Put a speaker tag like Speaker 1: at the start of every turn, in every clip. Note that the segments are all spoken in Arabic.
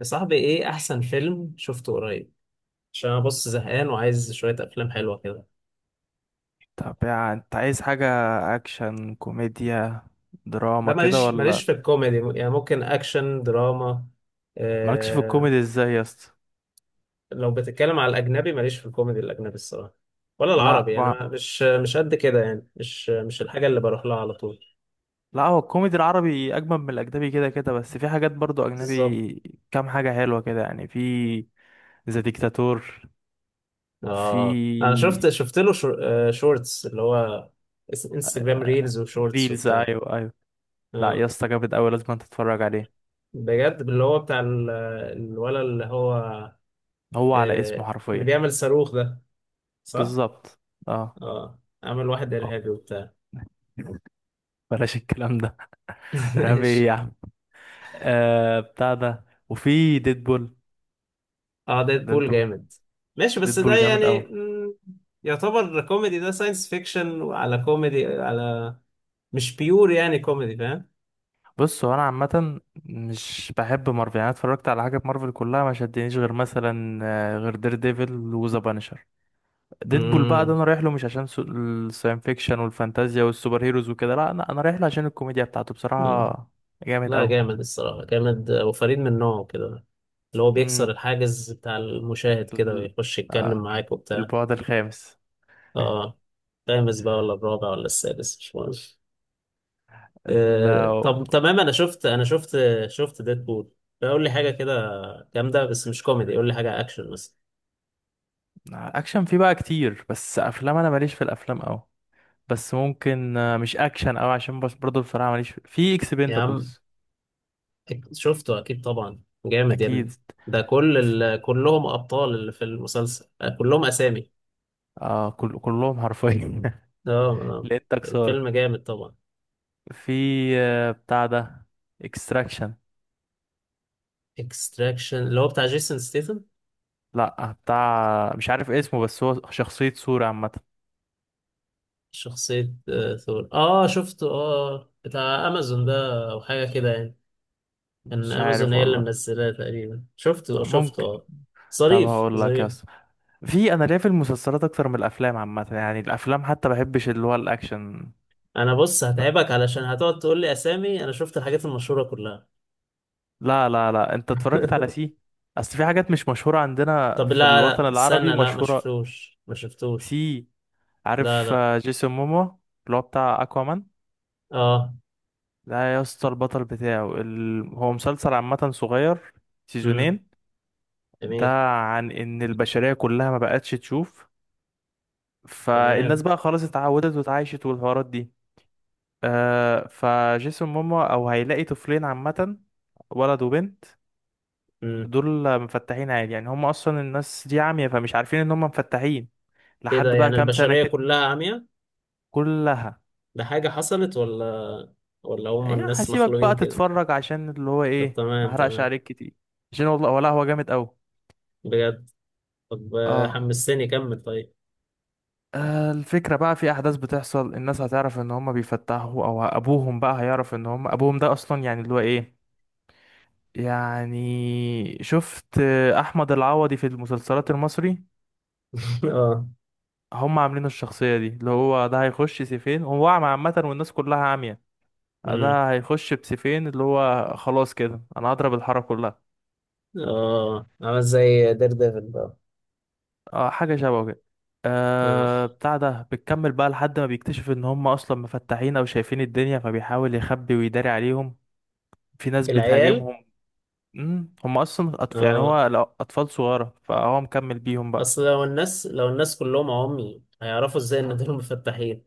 Speaker 1: يا صاحبي، ايه احسن فيلم شفته قريب؟ عشان انا بص زهقان وعايز شويه افلام حلوه كده.
Speaker 2: طب يعني انت عايز حاجة اكشن كوميديا
Speaker 1: لا
Speaker 2: دراما كده
Speaker 1: ماليش
Speaker 2: ولا؟
Speaker 1: في الكوميدي. يعني ممكن اكشن دراما.
Speaker 2: مالكش في
Speaker 1: إيه؟
Speaker 2: الكوميدي ازاي يا اسطى؟
Speaker 1: لو بتتكلم على الاجنبي، ماليش في الكوميدي الاجنبي الصراحه، ولا
Speaker 2: لا
Speaker 1: العربي يعني.
Speaker 2: ما...
Speaker 1: مش قد كده يعني، مش الحاجه اللي بروح لها على طول.
Speaker 2: لا، هو الكوميدي العربي اجمل من الاجنبي كده كده، بس في حاجات برضو
Speaker 1: بالظبط.
Speaker 2: اجنبي، كام حاجة حلوة كده يعني. في ذا ديكتاتور.
Speaker 1: اه، انا
Speaker 2: في
Speaker 1: شفت له شو، شورتس. اللي هو انستجرام ريلز وشورتس
Speaker 2: ريلز،
Speaker 1: وبتاع.
Speaker 2: ايوه ايوه. لا يا
Speaker 1: اه،
Speaker 2: اسطى جامد اوي، لازم انت تتفرج عليه.
Speaker 1: بجد، اللي هو بتاع الولد اللي هو،
Speaker 2: هو على اسمه
Speaker 1: اللي
Speaker 2: حرفيا.
Speaker 1: بيعمل صاروخ ده، صح؟
Speaker 2: بالظبط. اه.
Speaker 1: اه، عمل واحد إرهابي وبتاع.
Speaker 2: بلاش الكلام ده. رهيب يا
Speaker 1: ماشي.
Speaker 2: عم. آه بتاع ده، وفي ديدبول.
Speaker 1: اه،
Speaker 2: ده انت.
Speaker 1: ديدبول جامد. ماشي، بس ده
Speaker 2: ديدبول جامد قوي.
Speaker 1: يعني يعتبر كوميدي؟ ده ساينس فيكشن وعلى كوميدي، على، مش بيور يعني كوميدي، فاهم؟
Speaker 2: بص، هو انا عامه مش بحب مارفل، يعني أنا اتفرجت على حاجه في مارفل كلها ما شدنيش غير مثلا، غير دير ديفل وذا بانشر. ديدبول بقى ده
Speaker 1: مم،
Speaker 2: انا رايح له مش عشان الساين فيكشن والفانتازيا والسوبر هيروز وكده، لا انا رايح له عشان الكوميديا بتاعته
Speaker 1: مم.
Speaker 2: بصراحه. جامد
Speaker 1: لا
Speaker 2: قوي.
Speaker 1: جامد الصراحة، جامد وفريد من نوعه كده. اللي هو بيكسر
Speaker 2: امم
Speaker 1: الحاجز بتاع المشاهد كده
Speaker 2: ال-
Speaker 1: ويخش يتكلم
Speaker 2: آه،
Speaker 1: معاك وبتاع.
Speaker 2: البعد الخامس.
Speaker 1: اه، خامس بقى ولا الرابع ولا السادس، مش مهم. طب تمام، انا شفت، انا شفت ديدبول. قول لي حاجه كده جامده بس مش كوميدي، قول لي حاجه اكشن مثلا.
Speaker 2: الاكشن فيه بقى كتير، بس افلام انا ماليش في الافلام قوي. بس ممكن، مش اكشن قوي عشان بس، برضه بصراحه ماليش في
Speaker 1: يا عم،
Speaker 2: اكسبندبلز.
Speaker 1: شفته اكيد طبعا، جامد يا
Speaker 2: اكيد.
Speaker 1: ابني. ده كل كلهم ابطال اللي في المسلسل، كلهم اسامي.
Speaker 2: اه، كلهم حرفيا.
Speaker 1: اه. آه.
Speaker 2: لقيتك صارف.
Speaker 1: الفيلم جامد طبعا.
Speaker 2: في، بتاع ده، اكستراكشن.
Speaker 1: اكستراكشن اللي هو بتاع جيسون ستيثم.
Speaker 2: لا، بتاع مش عارف اسمه، بس هو شخصية صورة عامة.
Speaker 1: شخصيه، ثور. اه شفته، اه، بتاع امازون ده او حاجه كده يعني. كان
Speaker 2: مش
Speaker 1: امازون
Speaker 2: عارف
Speaker 1: هي اللي
Speaker 2: والله.
Speaker 1: منزلاه تقريبا. شفته
Speaker 2: ممكن.
Speaker 1: اه.
Speaker 2: طب
Speaker 1: ظريف،
Speaker 2: هقول لك يا
Speaker 1: ظريف.
Speaker 2: اسطى، في انا ليا في المسلسلات اكتر من الافلام عامة، يعني الافلام حتى بحبش اللي هو الاكشن.
Speaker 1: انا بص هتعبك، علشان هتقعد تقول لي اسامي، انا شفت الحاجات المشهوره كلها.
Speaker 2: لا لا لا، انت اتفرجت على سي؟ اصل في حاجات مش مشهورة عندنا
Speaker 1: طب
Speaker 2: في
Speaker 1: لا
Speaker 2: الوطن
Speaker 1: لا،
Speaker 2: العربي
Speaker 1: استنى، لا ما
Speaker 2: مشهورة.
Speaker 1: شفتوش، ما شفتوش.
Speaker 2: سي.
Speaker 1: لا
Speaker 2: عارف
Speaker 1: لا.
Speaker 2: جيسون مومو؟ اللي هو بتاع اكوامان.
Speaker 1: اه.
Speaker 2: لا يا اسطى، البطل بتاعه هو مسلسل عامة صغير،
Speaker 1: امم.
Speaker 2: سيزونين. ده
Speaker 1: جميل.
Speaker 2: عن ان البشرية كلها ما بقتش تشوف، فالناس
Speaker 1: تمام.
Speaker 2: بقى خلاص اتعودت واتعايشت والحوارات دي. آه، فجيسون ماما او هيلاقي طفلين عامة، ولد وبنت.
Speaker 1: امم.
Speaker 2: دول مفتحين عادي، يعني هم اصلا الناس دي عمية فمش عارفين ان هم مفتحين.
Speaker 1: ايه ده،
Speaker 2: لحد بقى
Speaker 1: يعني
Speaker 2: كام سنة
Speaker 1: البشريه
Speaker 2: كده.
Speaker 1: كلها عمياء؟
Speaker 2: كلها.
Speaker 1: ده حاجه حصلت، ولا ولا هم
Speaker 2: يعني
Speaker 1: الناس
Speaker 2: هسيبك
Speaker 1: مخلوقين
Speaker 2: بقى
Speaker 1: كده؟
Speaker 2: تتفرج عشان اللي هو
Speaker 1: طب
Speaker 2: ايه، ما
Speaker 1: تمام،
Speaker 2: احرقش
Speaker 1: تمام.
Speaker 2: عليك كتير، عشان والله ولا هو جامد قوي.
Speaker 1: بجد. طب،
Speaker 2: اه.
Speaker 1: حمستني، كمل طيب.
Speaker 2: الفكرة بقى في أحداث بتحصل الناس هتعرف إن هما بيفتحوا، أو أبوهم بقى هيعرف إن هما أبوهم ده أصلا، يعني اللي هو إيه. يعني شفت أحمد العوضي في المسلسلات المصري؟
Speaker 1: اه.
Speaker 2: هما عاملين الشخصية دي اللي هو ده هيخش سيفين، هو أعمى عامة والناس كلها عامية،
Speaker 1: امم.
Speaker 2: ده هيخش بسيفين اللي هو خلاص كده، أنا هضرب الحارة كلها.
Speaker 1: اه، عمل زي دير ديفل بقى.
Speaker 2: أه حاجة شبه كده.
Speaker 1: اه.
Speaker 2: أه بتاع ده بتكمل بقى لحد ما بيكتشف إن هما أصلا مفتحين أو شايفين الدنيا، فبيحاول يخبي ويداري عليهم. في ناس
Speaker 1: العيال.
Speaker 2: بتهاجمهم. هم اصلا يعني
Speaker 1: اه.
Speaker 2: اطفال صغيره فهو مكمل بيهم بقى.
Speaker 1: اصل لو الناس، لو الناس كلهم عمي، هيعرفوا ازاي ان
Speaker 2: ف-
Speaker 1: دول مفتحين؟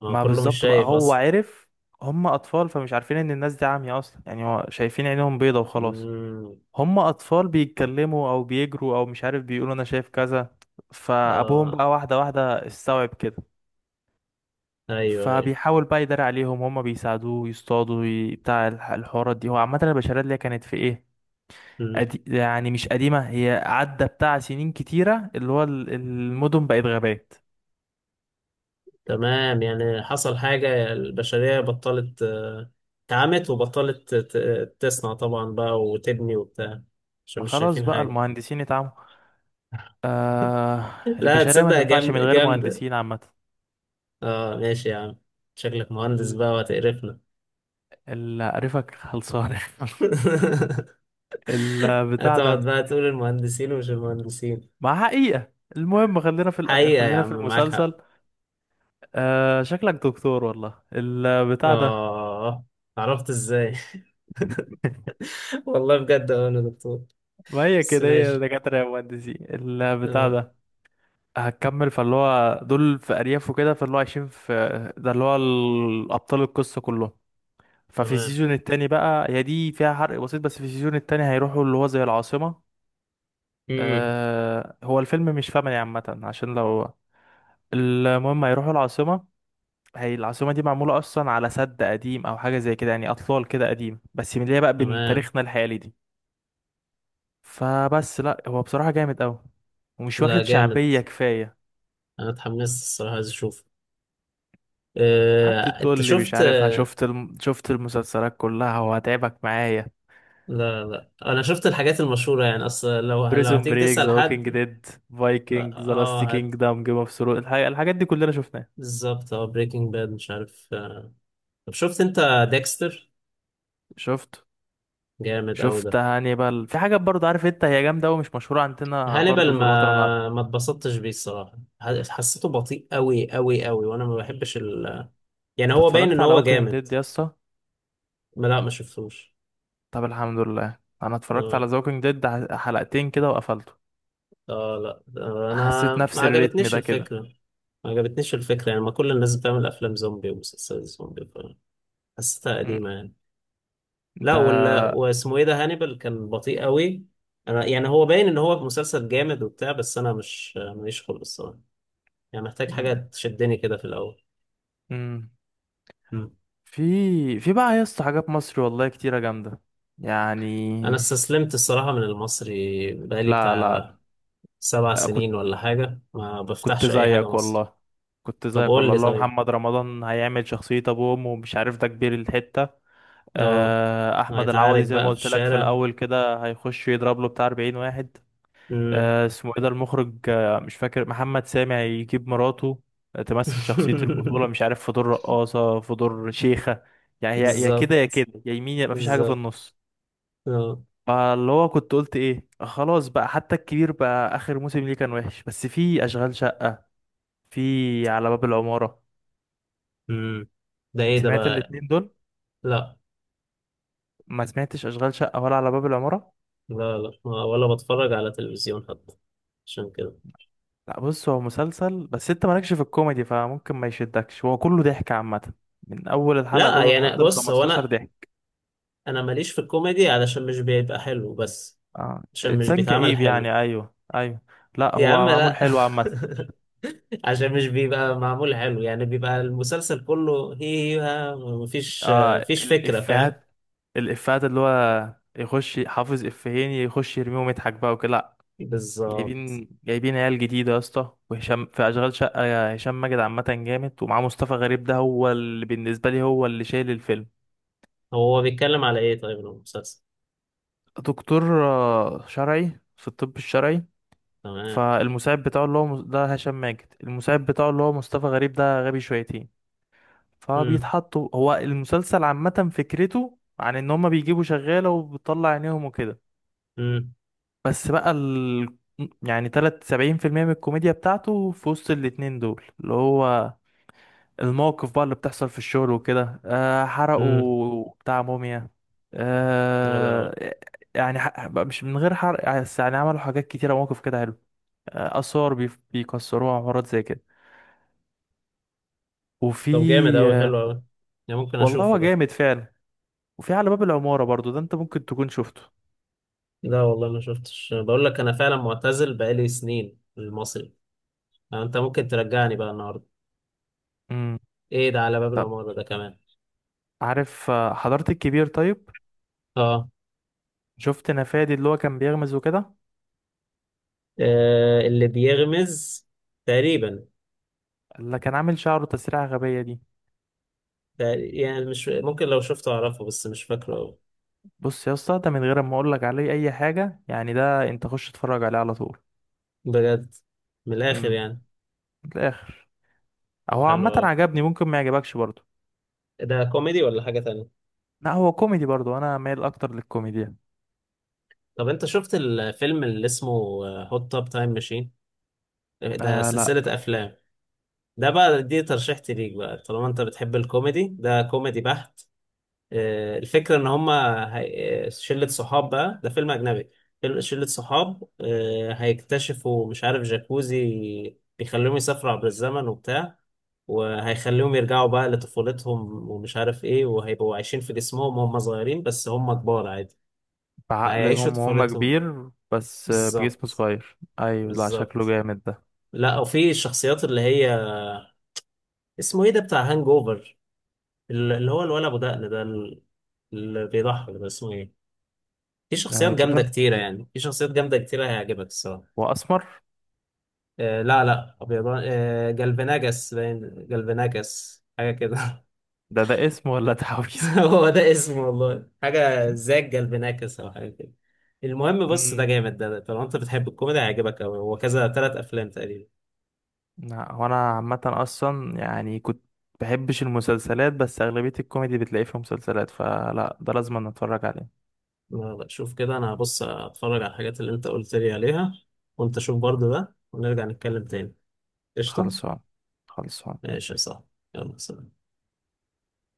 Speaker 1: ما هو
Speaker 2: ما
Speaker 1: كله مش
Speaker 2: بالظبط بقى،
Speaker 1: شايف
Speaker 2: هو
Speaker 1: اصلا.
Speaker 2: عرف هم اطفال فمش عارفين ان الناس دي عمية اصلا، يعني هو شايفين عينهم بيضة وخلاص.
Speaker 1: امم.
Speaker 2: هم اطفال بيتكلموا او بيجروا او مش عارف بيقولوا انا شايف كذا، فابوهم
Speaker 1: اه.
Speaker 2: بقى واحدة واحدة استوعب كده.
Speaker 1: ايوه، ايوه.
Speaker 2: فبيحاول بقى يداري عليهم، هم بيساعدوه يصطادوا، بتاع الحوارات دي. هو عامة البشرية اللي هي كانت في ايه،
Speaker 1: مم.
Speaker 2: يعني مش قديمة، هي عدى بتاع سنين كتيرة، اللي هو المدن بقت غابات.
Speaker 1: تمام، يعني حصل حاجة البشرية بطلت، اتعمت وبطلت تصنع طبعا بقى وتبني وبتاع، عشان
Speaker 2: ما
Speaker 1: مش
Speaker 2: خلاص
Speaker 1: شايفين
Speaker 2: بقى
Speaker 1: حاجة.
Speaker 2: المهندسين اتعموا. آه...
Speaker 1: لا
Speaker 2: البشرية ما
Speaker 1: تصدق،
Speaker 2: تنفعش من
Speaker 1: جامدة،
Speaker 2: غير
Speaker 1: جامدة.
Speaker 2: مهندسين عامة.
Speaker 1: اه، ماشي يا عم. شكلك مهندس
Speaker 2: ال-
Speaker 1: بقى وهتقرفنا.
Speaker 2: اللي عارفك خلصان. البتاع
Speaker 1: هتقعد
Speaker 2: ده.
Speaker 1: بقى تقول المهندسين ومش المهندسين.
Speaker 2: مع حقيقة. المهم خلينا في
Speaker 1: حقيقة يا
Speaker 2: خلينا في
Speaker 1: عم، معاك حق.
Speaker 2: المسلسل. شكلك دكتور والله البتاع ده.
Speaker 1: آه، عرفت إزاي؟ والله بجد أنا دكتور.
Speaker 2: ما هي
Speaker 1: بس
Speaker 2: كده هي
Speaker 1: ماشي.
Speaker 2: دكاترة يا مهندسين البتاع
Speaker 1: آه.
Speaker 2: ده. هتكمل، فاللي هو دول في ارياف وكده، فاللي هو عايشين في، ده اللي هو ابطال القصه كلهم. ففي
Speaker 1: تمام.
Speaker 2: السيزون التاني بقى، هي دي فيها حرق بسيط، بس في السيزون التاني هيروحوا اللي هو زي العاصمه.
Speaker 1: مم.
Speaker 2: آه، هو الفيلم مش فاهمني عامه عشان لو، المهم هيروحوا العاصمه. هي العاصمه دي معموله اصلا على سد قديم او حاجه زي كده، يعني اطلال كده قديم بس من اللي هي بقى بين
Speaker 1: تمام.
Speaker 2: تاريخنا الحالي دي. فبس لا، هو بصراحه جامد قوي، ومش
Speaker 1: لا
Speaker 2: واخد
Speaker 1: جامد.
Speaker 2: شعبيه كفايه.
Speaker 1: أنا اتحمست الصراحة، عايز أشوف.
Speaker 2: قعدت تقول
Speaker 1: أنت
Speaker 2: لي مش
Speaker 1: شفت؟
Speaker 2: عارف، ها، شفت شفت المسلسلات كلها وهتعبك معايا.
Speaker 1: لا لا، أنا شفت الحاجات المشهورة يعني. أصل لو، لو
Speaker 2: بريزون
Speaker 1: هتيجي
Speaker 2: بريك،
Speaker 1: تسأل
Speaker 2: ذا ووكينج
Speaker 1: حد.
Speaker 2: ديد،
Speaker 1: آه.
Speaker 2: فايكنج، ذا
Speaker 1: آه،
Speaker 2: لاست
Speaker 1: هت
Speaker 2: كينجدم، جيم اوف ثرونز، الحاجات دي كلنا شفناها.
Speaker 1: بالظبط اه، بريكنج باد، مش عارف. آه. طب شفت أنت ديكستر؟
Speaker 2: شفت
Speaker 1: جامد أوي
Speaker 2: شفت
Speaker 1: ده.
Speaker 2: هانيبال، في حاجات برضو عارف انت، هي جامده ومش مشهوره عندنا برضو
Speaker 1: هانيبال
Speaker 2: في الوطن العربي.
Speaker 1: ما اتبسطتش بيه الصراحة، حسيته بطيء أوي أوي أوي، وأنا ما بحبش. يعني
Speaker 2: انت
Speaker 1: هو باين
Speaker 2: اتفرجت
Speaker 1: ان
Speaker 2: على
Speaker 1: هو
Speaker 2: ووكينج
Speaker 1: جامد.
Speaker 2: ديد يا اسطى؟
Speaker 1: لا، ما شفتوش.
Speaker 2: طب الحمد لله، انا اتفرجت على
Speaker 1: اه.
Speaker 2: ذا ووكينج ديد حلقتين كده وقفلته.
Speaker 1: لا، انا
Speaker 2: حسيت
Speaker 1: ما
Speaker 2: نفس الريتم
Speaker 1: عجبتنيش
Speaker 2: ده كده.
Speaker 1: الفكره. ما عجبتنيش الفكره يعني، ما كل الناس بتعمل افلام زومبي ومسلسلات زومبي. حسيتها
Speaker 2: مم.
Speaker 1: قديمه يعني. لا،
Speaker 2: ده.
Speaker 1: ولا واسمه ايه ده، هانيبال، كان بطيء قوي. انا يعني هو باين ان هو مسلسل جامد وبتاع، بس انا مش، ماليش خلق الصراحه. يعني محتاج حاجه تشدني كده في الاول.
Speaker 2: مم.
Speaker 1: مم.
Speaker 2: في، في بقى يا اسطى، حاجات مصري والله كتيرة جامدة.
Speaker 1: انا
Speaker 2: يعني،
Speaker 1: استسلمت الصراحه من المصري بقالي
Speaker 2: لا لا.
Speaker 1: بتاع سبع
Speaker 2: لا، كنت
Speaker 1: سنين ولا حاجه، ما
Speaker 2: كنت
Speaker 1: بفتحش اي حاجه
Speaker 2: زيك
Speaker 1: مصري.
Speaker 2: والله، كنت
Speaker 1: طب
Speaker 2: زيك
Speaker 1: قول
Speaker 2: والله.
Speaker 1: لي
Speaker 2: اللي هو
Speaker 1: طيب.
Speaker 2: محمد رمضان هيعمل شخصية أبوه وأمه ومش عارف ده كبير الحتة.
Speaker 1: اه.
Speaker 2: أحمد
Speaker 1: هيتعارك
Speaker 2: العوضي زي ما
Speaker 1: بقى في
Speaker 2: قلت لك في
Speaker 1: الشارع.
Speaker 2: الأول كده هيخش يضرب له بتاع 40 واحد.
Speaker 1: مم.
Speaker 2: اسمه إيه ده المخرج، مش فاكر، محمد سامي هيجيب مراته، تمثل شخصية البطولة، مش عارف في دور رقاصة في دور شيخة. يعني يا كده يا
Speaker 1: بالظبط.
Speaker 2: كده، يا يمين يا مفيش حاجة في
Speaker 1: بالظبط.
Speaker 2: النص.
Speaker 1: اه.
Speaker 2: فاللي هو كنت قلت ايه، آه خلاص بقى، حتى الكبير بقى اخر موسم ليه كان وحش، بس في اشغال شقة، في على باب العمارة.
Speaker 1: مم. ده ايه ده
Speaker 2: سمعت
Speaker 1: بقى؟
Speaker 2: الاتنين دول؟
Speaker 1: لا.
Speaker 2: ما سمعتش اشغال شقة ولا على باب العمارة؟
Speaker 1: لا لا. ولا بتفرج على تلفزيون حتى، عشان كده.
Speaker 2: لا بص، هو مسلسل بس انت مالكش في الكوميدي فممكن ما يشدكش، هو كله ضحك عامة، من اول الحلقة
Speaker 1: لا
Speaker 2: الاولى لحد
Speaker 1: يعني
Speaker 2: ال
Speaker 1: بص، هو
Speaker 2: 15
Speaker 1: انا
Speaker 2: ضحك.
Speaker 1: انا ماليش في الكوميدي، علشان مش بيبقى حلو بس.
Speaker 2: آه.
Speaker 1: عشان مش
Speaker 2: انسان
Speaker 1: بيتعمل
Speaker 2: كئيب
Speaker 1: حلو.
Speaker 2: يعني، ايوه ايوه. لا
Speaker 1: يا
Speaker 2: هو
Speaker 1: عم
Speaker 2: معمول
Speaker 1: لا.
Speaker 2: حلو عامة.
Speaker 1: عشان مش بيبقى معمول حلو يعني، بيبقى المسلسل كله هي هي ها، مفيش.
Speaker 2: آه
Speaker 1: مفيش فكرة، فاهم؟
Speaker 2: الافيهات. الافيهات اللي هو يخش حافظ افيهين يخش يرميهم يضحك بقى وكده.
Speaker 1: بالظبط.
Speaker 2: جايبين عيال جديدة يا اسطى، وهشام في أشغال شقة، يا هشام ماجد عامة جامد، ومعاه مصطفى غريب ده هو اللي بالنسبة لي هو اللي شايل الفيلم.
Speaker 1: هو بيتكلم على ايه طيب المسلسل؟
Speaker 2: دكتور شرعي في الطب الشرعي.
Speaker 1: تمام.
Speaker 2: فالمساعد بتاعه اللي هو ده هشام ماجد، المساعد بتاعه اللي هو مصطفى غريب ده غبي شويتين.
Speaker 1: امم.
Speaker 2: فبيتحطوا، هو المسلسل عامة فكرته عن ان هما بيجيبوا شغالة وبتطلع عينيهم وكده.
Speaker 1: امم.
Speaker 2: بس بقى ال... يعني تلات سبعين في المية من الكوميديا بتاعته في وسط الاتنين دول، اللي هو المواقف بقى اللي بتحصل في الشغل وكده، آه
Speaker 1: امم.
Speaker 2: حرقوا بتاع موميا.
Speaker 1: حلو أوي.
Speaker 2: آه، يعني مش من غير حرق يعني، بس يعني عملوا حاجات كتيرة مواقف كده حلو، آه آثار بيكسروها وحوارات زي كده. وفي،
Speaker 1: طب جامد أوي،
Speaker 2: آه،
Speaker 1: حلو أوي. يعني ممكن
Speaker 2: والله
Speaker 1: أشوفه
Speaker 2: هو
Speaker 1: ده.
Speaker 2: جامد فعلا. وفي على باب العمارة برضو ده انت ممكن تكون شفته.
Speaker 1: لا والله ما شفتش، بقول لك أنا فعلا معتزل بقالي سنين المصري. أنت ممكن ترجعني بقى النهاردة.
Speaker 2: امم.
Speaker 1: إيه ده على باب
Speaker 2: طب
Speaker 1: العمارة ده كمان؟
Speaker 2: عارف حضرت الكبير طيب،
Speaker 1: آه.
Speaker 2: شفت نفادي اللي هو كان بيغمز وكده؟
Speaker 1: اللي بيغمز، تقريبا.
Speaker 2: اللي كان عامل شعره تسريحة غبية دي.
Speaker 1: يعني مش ممكن لو شفته أعرفه، بس مش فاكره أوي.
Speaker 2: بص يا اسطى، ده من غير ما اقول لك عليه اي حاجه، يعني ده انت خش اتفرج عليه على طول.
Speaker 1: بجد؟ من الآخر
Speaker 2: امم.
Speaker 1: يعني.
Speaker 2: في الاخر،
Speaker 1: طب
Speaker 2: هو
Speaker 1: حلو
Speaker 2: عامه
Speaker 1: أوي.
Speaker 2: عجبني، ممكن ما يعجبكش برضه.
Speaker 1: ده كوميدي ولا حاجة تانية؟
Speaker 2: لا هو كوميدي برضه، انا مايل اكتر للكوميديا.
Speaker 1: طب أنت شفت الفيلم اللي اسمه هوت توب تايم ماشين؟ ده
Speaker 2: آه لا.
Speaker 1: سلسلة أفلام. ده بقى دي ترشيحتي ليك، بقى طالما انت بتحب الكوميدي، ده كوميدي بحت. الفكرة ان هما، شلة صحاب بقى، ده فيلم اجنبي. شلة صحاب، هيكتشفوا مش عارف جاكوزي بيخليهم يسافروا عبر الزمن وبتاع، وهيخليهم يرجعوا بقى لطفولتهم ومش عارف ايه، وهيبقوا عايشين في جسمهم وهم صغيرين بس هم كبار عادي. فهيعيشوا
Speaker 2: بعقلهم هم
Speaker 1: طفولتهم.
Speaker 2: كبير بس، بجسم
Speaker 1: بالظبط.
Speaker 2: صغير، ايوه، لا شكله
Speaker 1: بالظبط.
Speaker 2: جامد ده.
Speaker 1: لا، وفي الشخصيات اللي هي، اسمه ايه ده بتاع هانج اوفر، اللي هو الولد ابو دقن ده اللي بيضحك ده، اسمه ايه؟ في شخصيات
Speaker 2: آه
Speaker 1: جامده
Speaker 2: كيفن،
Speaker 1: كتيره يعني، في شخصيات جامده كتيره، هيعجبك الصراحه.
Speaker 2: واسمر.
Speaker 1: آه لا لا، ابيضان. آه، جالفناجاس، باين جالفناجاس حاجه كده.
Speaker 2: ده ده اسم ولا تعويذه؟
Speaker 1: هو ده اسمه والله، حاجه زي جالفناكس او حاجه كده. المهم بص، ده
Speaker 2: امم.
Speaker 1: جامد ده، طالما انت بتحب الكوميدي هيعجبك قوي، هو كذا، 3 افلام تقريبا.
Speaker 2: لا هو انا عامه اصلا يعني كنت بحبش المسلسلات، بس اغلبيه الكوميدي بتلاقيه في مسلسلات، فلا ده لازم نتفرج عليه.
Speaker 1: لا لا، شوف كده، انا هبص اتفرج على الحاجات اللي انت قلت لي عليها، وانت شوف برضو ده، ونرجع نتكلم تاني. قشطه.
Speaker 2: خلصان. خلصان.
Speaker 1: ماشي، صح. يلا، سلام.